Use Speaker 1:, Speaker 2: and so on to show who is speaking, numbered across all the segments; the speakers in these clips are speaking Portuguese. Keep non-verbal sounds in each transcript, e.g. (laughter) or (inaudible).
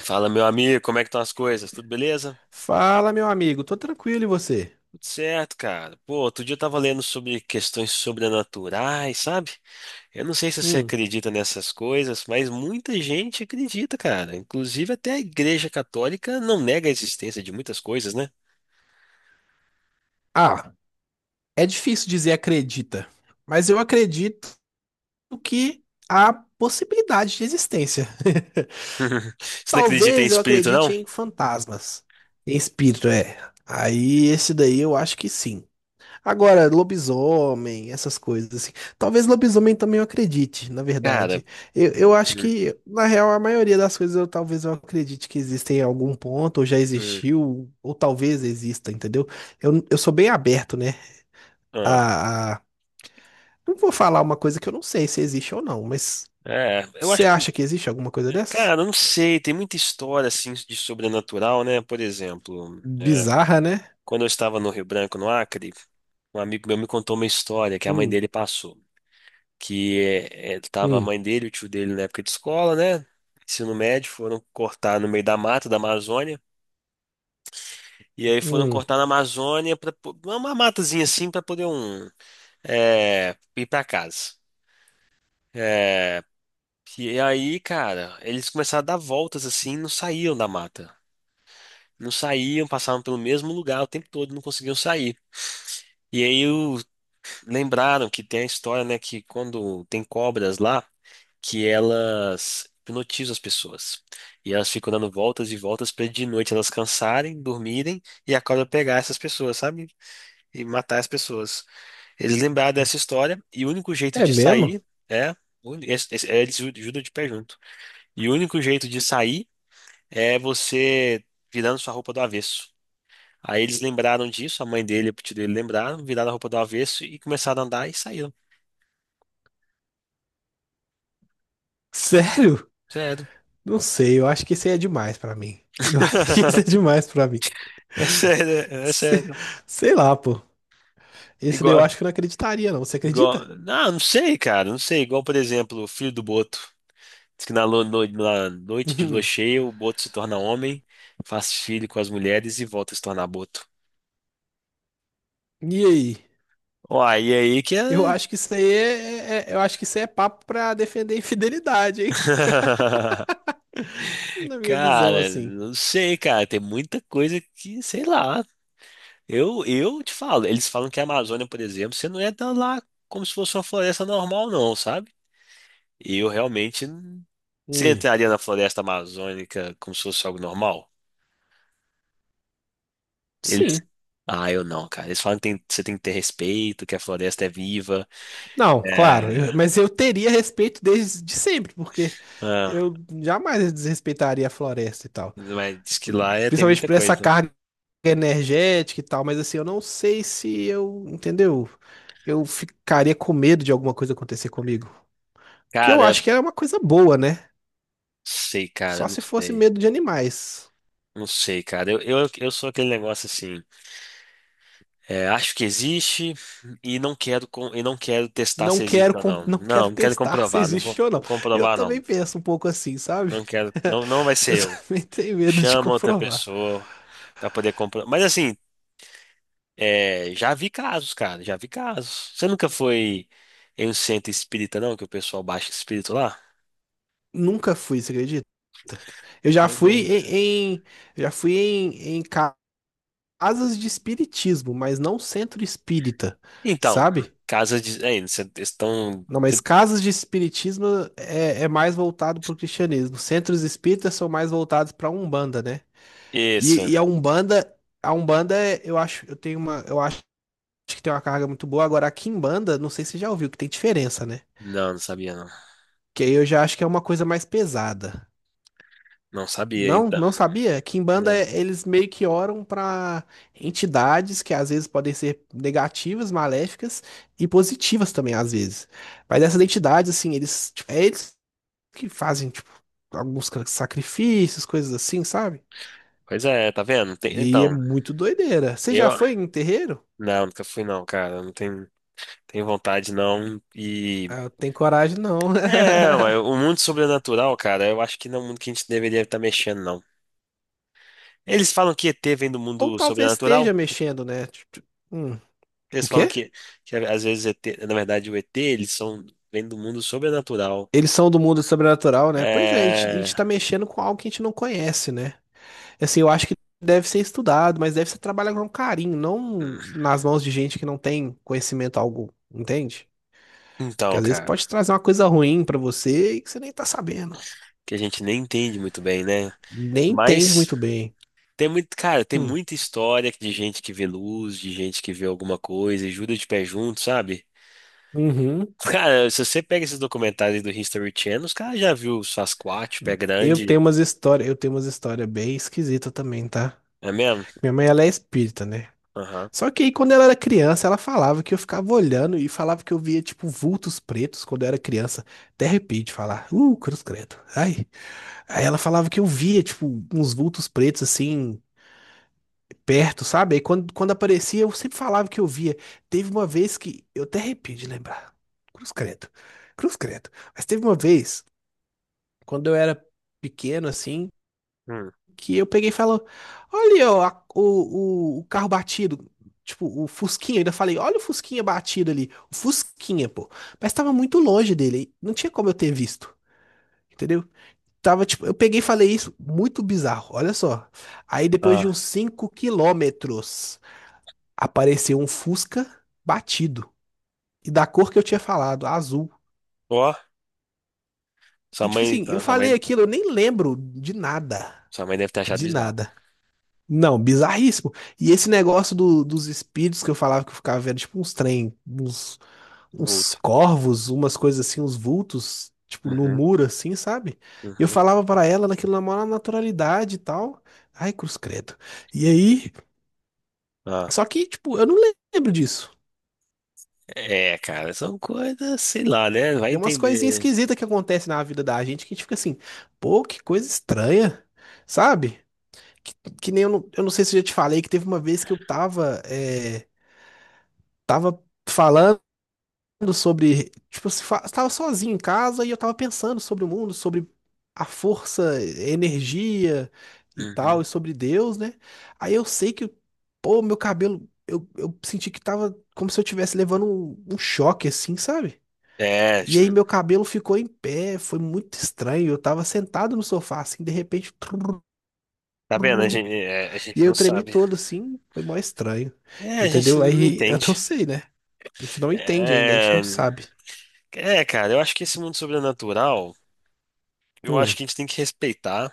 Speaker 1: Fala, meu amigo, como é que estão as coisas? Tudo beleza?
Speaker 2: Fala, meu amigo, tô tranquilo e você?
Speaker 1: Tudo certo, cara. Pô, outro dia eu tava lendo sobre questões sobrenaturais, sabe? Eu não sei se você
Speaker 2: Hum.
Speaker 1: acredita nessas coisas, mas muita gente acredita, cara. Inclusive até a Igreja Católica não nega a existência de muitas coisas, né?
Speaker 2: Ah, é difícil dizer acredita, mas eu acredito que há possibilidade de existência.
Speaker 1: (laughs)
Speaker 2: (laughs)
Speaker 1: Você não acredita em
Speaker 2: Talvez eu
Speaker 1: espírito,
Speaker 2: acredite
Speaker 1: não?
Speaker 2: em fantasmas, em espírito, é. Aí esse daí eu acho que sim. Agora, lobisomem, essas coisas assim. Talvez lobisomem também eu acredite, na
Speaker 1: Cara,
Speaker 2: verdade. Eu acho
Speaker 1: hum,
Speaker 2: que, na real, a maioria das coisas eu talvez eu acredite que existem em algum ponto, ou já
Speaker 1: hum,
Speaker 2: existiu, ou talvez exista, entendeu? Eu sou bem aberto, né?
Speaker 1: ah,
Speaker 2: A, a... Não vou falar uma coisa que eu não sei se existe ou não, mas
Speaker 1: é, eu
Speaker 2: você
Speaker 1: acho que,
Speaker 2: acha que existe alguma coisa
Speaker 1: cara,
Speaker 2: dessas?
Speaker 1: eu não sei, tem muita história assim de sobrenatural, né? Por exemplo.
Speaker 2: Bizarra, né?
Speaker 1: Quando eu estava no Rio Branco, no Acre, um amigo meu me contou uma história que a mãe
Speaker 2: Hum,
Speaker 1: dele passou. Que tava a
Speaker 2: hum,
Speaker 1: mãe dele, e o tio dele na época de escola, né? Ensino médio, foram cortar no meio da mata da Amazônia. E aí foram
Speaker 2: hum.
Speaker 1: cortar na Amazônia, pra, uma matazinha assim, para poder um, ir para casa. É, e aí, cara, eles começaram a dar voltas assim, não saíam da mata. Não saíam, passavam pelo mesmo lugar o tempo todo, não conseguiam sair. E aí lembraram que tem a história, né, que quando tem cobras lá, que elas hipnotizam as pessoas. E elas ficam dando voltas e voltas para de noite elas cansarem, dormirem e a cobra pegar essas pessoas, sabe? E matar as pessoas. Eles lembraram dessa história e o único jeito
Speaker 2: É
Speaker 1: de
Speaker 2: mesmo?
Speaker 1: sair é. O Eles judam de pé junto. E o único jeito de sair é você virando sua roupa do avesso. Aí eles lembraram disso, a mãe dele e o tio dele lembraram, viraram a roupa do avesso e começaram a andar e saíram.
Speaker 2: Sério?
Speaker 1: Sério.
Speaker 2: Não sei, eu acho que isso aí é demais pra mim. Eu (laughs) acho que isso é
Speaker 1: (laughs)
Speaker 2: demais pra mim.
Speaker 1: É sério, é
Speaker 2: Se-
Speaker 1: sério.
Speaker 2: Sei lá, pô. Esse daí eu
Speaker 1: Igual,
Speaker 2: acho que eu não acreditaria, não. Você
Speaker 1: igual.
Speaker 2: acredita?
Speaker 1: Ah, não sei, cara, não sei. Igual, por exemplo, o filho do Boto. Diz que na, na noite de lua
Speaker 2: Uhum.
Speaker 1: cheia, o Boto se torna homem, faz filho com as mulheres e volta a se tornar Boto.
Speaker 2: E aí?
Speaker 1: Uai, e aí que é.
Speaker 2: Eu acho que isso aí é, eu acho que isso aí é papo pra defender a infidelidade, hein?
Speaker 1: (laughs)
Speaker 2: Na minha visão,
Speaker 1: Cara,
Speaker 2: assim.
Speaker 1: não sei, cara. Tem muita coisa que, sei lá. Eu te falo, eles falam que a Amazônia, por exemplo, você não entra lá como se fosse uma floresta normal, não, sabe? E eu realmente. Você
Speaker 2: Hum.
Speaker 1: entraria na floresta amazônica como se fosse algo normal? Eles.
Speaker 2: Sim.
Speaker 1: Ah, eu não, cara. Eles falam que você tem que ter respeito, que a floresta é viva.
Speaker 2: Não, claro.
Speaker 1: É.
Speaker 2: Mas eu teria respeito desde de sempre, porque
Speaker 1: Ah,
Speaker 2: eu jamais desrespeitaria a floresta e tal.
Speaker 1: mas diz que lá tem
Speaker 2: Principalmente
Speaker 1: muita
Speaker 2: por essa
Speaker 1: coisa.
Speaker 2: carga energética e tal. Mas assim, eu não sei se eu, entendeu? Eu ficaria com medo de alguma coisa acontecer comigo. Porque eu
Speaker 1: Cara,
Speaker 2: acho que era uma coisa boa, né?
Speaker 1: sei, cara,
Speaker 2: Só
Speaker 1: não
Speaker 2: se fosse
Speaker 1: sei.
Speaker 2: medo de animais.
Speaker 1: Não sei, cara. Eu sou aquele negócio assim. É, acho que existe e não quero e não quero testar
Speaker 2: Não
Speaker 1: se existe
Speaker 2: quero,
Speaker 1: ou não.
Speaker 2: não quero
Speaker 1: Não, não quero
Speaker 2: testar (laughs) se
Speaker 1: comprovar.
Speaker 2: existe ou não.
Speaker 1: Vou
Speaker 2: Eu
Speaker 1: comprovar, não.
Speaker 2: também penso um pouco assim, sabe?
Speaker 1: Não quero. Não, não vai
Speaker 2: (laughs)
Speaker 1: ser
Speaker 2: Eu
Speaker 1: eu.
Speaker 2: também tenho medo de
Speaker 1: Chama outra
Speaker 2: comprovar.
Speaker 1: pessoa pra poder comprar. Mas assim, é, já vi casos, cara, já vi casos. Você nunca foi em um centro espírita, não? Que o pessoal baixa espírito lá?
Speaker 2: Nunca fui, você acredita? Eu já
Speaker 1: Pois
Speaker 2: fui
Speaker 1: é.
Speaker 2: já fui casas de espiritismo, mas não centro espírita,
Speaker 1: Então,
Speaker 2: sabe?
Speaker 1: casas de. É, eles estão.
Speaker 2: Não, mas
Speaker 1: Que-
Speaker 2: casas de espiritismo é mais voltado para o cristianismo. Centros espíritas são mais voltados para a Umbanda, né? E,
Speaker 1: Isso.
Speaker 2: e a Umbanda, eu acho, eu tenho uma, eu acho que tem uma carga muito boa. Agora, a Quimbanda, não sei se você já ouviu, que tem diferença, né?
Speaker 1: Não, não sabia, não.
Speaker 2: Que aí eu já acho que é uma coisa mais pesada.
Speaker 1: Não sabia,
Speaker 2: Não,
Speaker 1: então.
Speaker 2: não sabia? Quimbanda,
Speaker 1: Não.
Speaker 2: eles meio que oram pra entidades que às vezes podem ser negativas, maléficas e positivas também, às vezes. Mas essas entidades, assim, eles, tipo, é eles que fazem, tipo, alguns sacrifícios, coisas assim, sabe?
Speaker 1: Pois é, tá vendo? Tem-
Speaker 2: E aí é
Speaker 1: Então,
Speaker 2: muito doideira. Você já
Speaker 1: eu.
Speaker 2: foi em terreiro?
Speaker 1: Não, nunca fui, não, cara. Não tenho, tenho vontade, não. E.
Speaker 2: Ah, eu tenho coragem, não.
Speaker 1: É, mas o mundo sobrenatural, cara, eu acho que não é um mundo que a gente deveria estar mexendo, não. Eles falam que ET vem do
Speaker 2: (laughs) Ou
Speaker 1: mundo
Speaker 2: talvez
Speaker 1: sobrenatural.
Speaker 2: esteja mexendo, né? Tipo, hum,
Speaker 1: Eles
Speaker 2: o
Speaker 1: falam
Speaker 2: quê?
Speaker 1: que às vezes ET, na verdade o ET, eles são vêm do mundo sobrenatural.
Speaker 2: Eles são do mundo sobrenatural, né? Pois é, a gente, a
Speaker 1: É...
Speaker 2: gente tá mexendo com algo que a gente não conhece, né? Assim, eu acho que deve ser estudado, mas deve ser trabalhado com carinho, não nas mãos de gente que não tem conhecimento algum, entende? Porque
Speaker 1: Então,
Speaker 2: às vezes
Speaker 1: cara,
Speaker 2: pode trazer uma coisa ruim pra você e que você nem tá sabendo.
Speaker 1: que a gente nem entende muito bem, né?
Speaker 2: Nem entende
Speaker 1: Mas
Speaker 2: muito bem.
Speaker 1: tem muito, cara, tem
Speaker 2: Hum.
Speaker 1: muita história de gente que vê luz, de gente que vê alguma coisa e jura de pé junto, sabe?
Speaker 2: Uhum.
Speaker 1: Cara, se você pega esses documentários do History Channel, os caras já viu o Sasquatch, pé
Speaker 2: Eu tenho
Speaker 1: grande,
Speaker 2: umas histórias, eu tenho umas histórias bem esquisitas também, tá?
Speaker 1: é mesmo?
Speaker 2: Minha mãe, ela é espírita, né?
Speaker 1: Aham.
Speaker 2: Só que aí, quando ela era criança, ela falava que eu ficava olhando e falava que eu via, tipo, vultos pretos quando eu era criança. Até arrepio de falar. Cruz credo. Ai. Aí ela falava que eu via, tipo, uns vultos pretos, assim, perto, sabe? Aí quando aparecia, eu sempre falava que eu via. Teve uma vez que... Eu até arrepio de lembrar. Cruz credo. Cruz credo. Mas teve uma vez, quando eu era pequeno, assim,
Speaker 1: Hum.
Speaker 2: que eu peguei e falou: olha, ó, o carro batido. Tipo, o Fusquinha, eu ainda falei, olha o Fusquinha batido ali. O Fusquinha, pô. Mas tava muito longe dele. Não tinha como eu ter visto. Entendeu? Tava, tipo, eu peguei e falei isso. Muito bizarro, olha só. Aí depois de uns
Speaker 1: Ah.
Speaker 2: 5 km, apareceu um Fusca batido. E da cor que eu tinha falado, azul.
Speaker 1: Ó,
Speaker 2: E tipo assim, eu
Speaker 1: sua mãe.
Speaker 2: falei aquilo, eu nem lembro de nada.
Speaker 1: Sua mãe deve ter achado
Speaker 2: De
Speaker 1: bizarro.
Speaker 2: nada. Não, bizarríssimo. E esse negócio dos espíritos que eu falava que eu ficava vendo, tipo uns trem, uns
Speaker 1: Vulto.
Speaker 2: corvos, umas coisas assim, uns vultos, tipo no
Speaker 1: Uhum,
Speaker 2: muro assim, sabe? E eu
Speaker 1: uhum.
Speaker 2: falava pra ela naquilo na maior naturalidade e tal. Ai, cruz credo. E aí,
Speaker 1: Ah,
Speaker 2: só que, tipo, eu não lembro disso.
Speaker 1: é, cara, são coisas, sei lá, né? Vai
Speaker 2: Tem umas coisinhas
Speaker 1: entender.
Speaker 2: esquisitas que acontecem na vida da gente que a gente fica assim, pô, que coisa estranha, sabe? Que, que nem eu não, eu não sei se eu já te falei que teve uma vez que eu tava, tava falando sobre, tipo, se fa- estava sozinho em casa e eu estava pensando sobre o mundo, sobre a força, energia e tal, e
Speaker 1: Uhum.
Speaker 2: sobre Deus, né? Aí eu sei que, pô, meu cabelo, eu senti que tava como se eu estivesse levando um choque, assim, sabe?
Speaker 1: É, a
Speaker 2: E
Speaker 1: gente
Speaker 2: aí
Speaker 1: não-
Speaker 2: meu cabelo ficou em pé, foi muito estranho. Eu tava sentado no sofá, assim, de repente, trrr,
Speaker 1: tá vendo? A gente, é, a
Speaker 2: e
Speaker 1: gente
Speaker 2: aí
Speaker 1: não
Speaker 2: eu tremi
Speaker 1: sabe.
Speaker 2: todo, assim, foi mó estranho,
Speaker 1: É, a gente
Speaker 2: entendeu?
Speaker 1: não
Speaker 2: Aí (laughs) eu não
Speaker 1: entende.
Speaker 2: sei, né? A gente não entende ainda, a gente não
Speaker 1: É,
Speaker 2: sabe.
Speaker 1: cara, eu acho que esse mundo sobrenatural, eu acho
Speaker 2: Hum,
Speaker 1: que a gente tem que respeitar,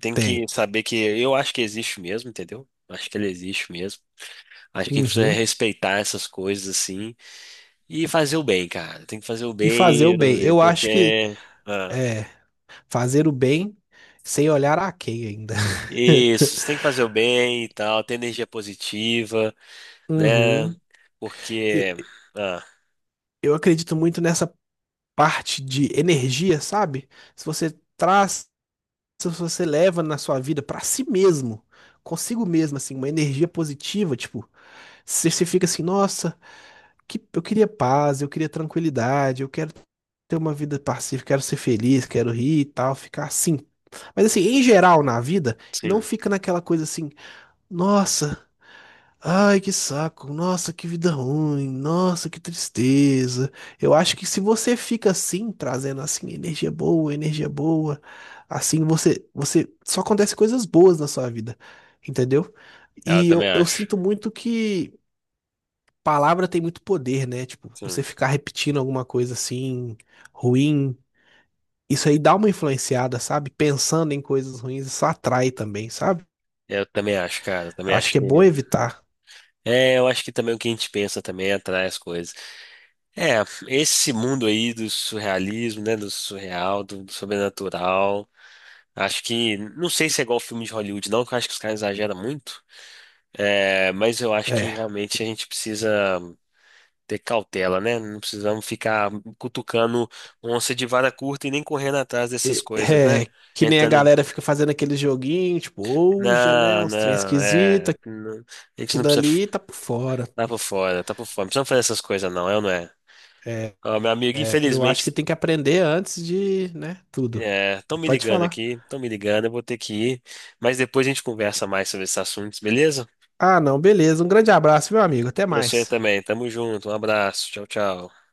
Speaker 1: tem
Speaker 2: tem.
Speaker 1: que saber que eu acho que existe mesmo, entendeu? Acho que ele existe mesmo. Acho que a gente precisa
Speaker 2: Uhum.
Speaker 1: respeitar essas coisas assim e fazer o bem, cara. Tem que fazer o
Speaker 2: E fazer
Speaker 1: bem,
Speaker 2: o bem. Eu acho que
Speaker 1: porque. Ah,
Speaker 2: é fazer o bem sem olhar a quem ainda. (laughs)
Speaker 1: isso, você tem que fazer o bem e tal, ter energia positiva, né?
Speaker 2: Uhum. E-
Speaker 1: Porque, ah,
Speaker 2: Eu acredito muito nessa parte de energia, sabe? Se você traz, se você leva na sua vida pra si mesmo, consigo mesmo, assim, uma energia positiva, tipo, se você fica assim, nossa, que, eu queria paz, eu queria tranquilidade, eu quero ter uma vida pacífica, quero ser feliz, quero rir e tal, ficar assim. Mas assim, em geral na vida, não
Speaker 1: sim,
Speaker 2: fica naquela coisa assim. Nossa, ai que saco, nossa que vida ruim, nossa que tristeza. Eu acho que se você fica assim, trazendo assim energia boa, assim você só acontece coisas boas na sua vida, entendeu?
Speaker 1: eu
Speaker 2: E
Speaker 1: também
Speaker 2: eu
Speaker 1: acho.
Speaker 2: sinto muito que palavra tem muito poder, né? Tipo,
Speaker 1: Sim,
Speaker 2: você ficar repetindo alguma coisa assim, ruim, isso aí dá uma influenciada, sabe? Pensando em coisas ruins, isso atrai também, sabe?
Speaker 1: eu também acho, cara, eu
Speaker 2: Eu
Speaker 1: também
Speaker 2: acho
Speaker 1: acho
Speaker 2: que é
Speaker 1: que.
Speaker 2: bom evitar.
Speaker 1: É, eu acho que também o que a gente pensa também atrai as coisas. É, esse mundo aí do surrealismo, né, do surreal, do sobrenatural, acho que, não sei se é igual filme de Hollywood, não, que eu acho que os caras exageram muito, é, mas eu acho que
Speaker 2: É.
Speaker 1: realmente a gente precisa ter cautela, né? Não precisamos ficar cutucando onça de vara curta e nem correndo atrás dessas
Speaker 2: E-
Speaker 1: coisas, né?
Speaker 2: é, que nem a
Speaker 1: Entrando.
Speaker 2: galera fica fazendo aquele joguinho, tipo, Ouija, né?
Speaker 1: Não,
Speaker 2: Uns trem
Speaker 1: não, é.
Speaker 2: esquisito,
Speaker 1: Não, a gente não
Speaker 2: aquilo
Speaker 1: precisa.
Speaker 2: ali tá por fora.
Speaker 1: Tá por fora, tá por fora. Não precisamos fazer essas coisas, não, é ou não é?
Speaker 2: É,
Speaker 1: Ó, meu amigo,
Speaker 2: é, eu acho
Speaker 1: infelizmente,
Speaker 2: que tem que aprender antes de, né, tudo.
Speaker 1: estão me
Speaker 2: Pode
Speaker 1: ligando
Speaker 2: falar.
Speaker 1: aqui, estão me ligando, eu vou ter que ir. Mas depois a gente conversa mais sobre esses assuntos, beleza?
Speaker 2: Ah, não, beleza. Um grande abraço, meu amigo. Até
Speaker 1: Pra você
Speaker 2: mais.
Speaker 1: também, tamo junto, um abraço, tchau, tchau.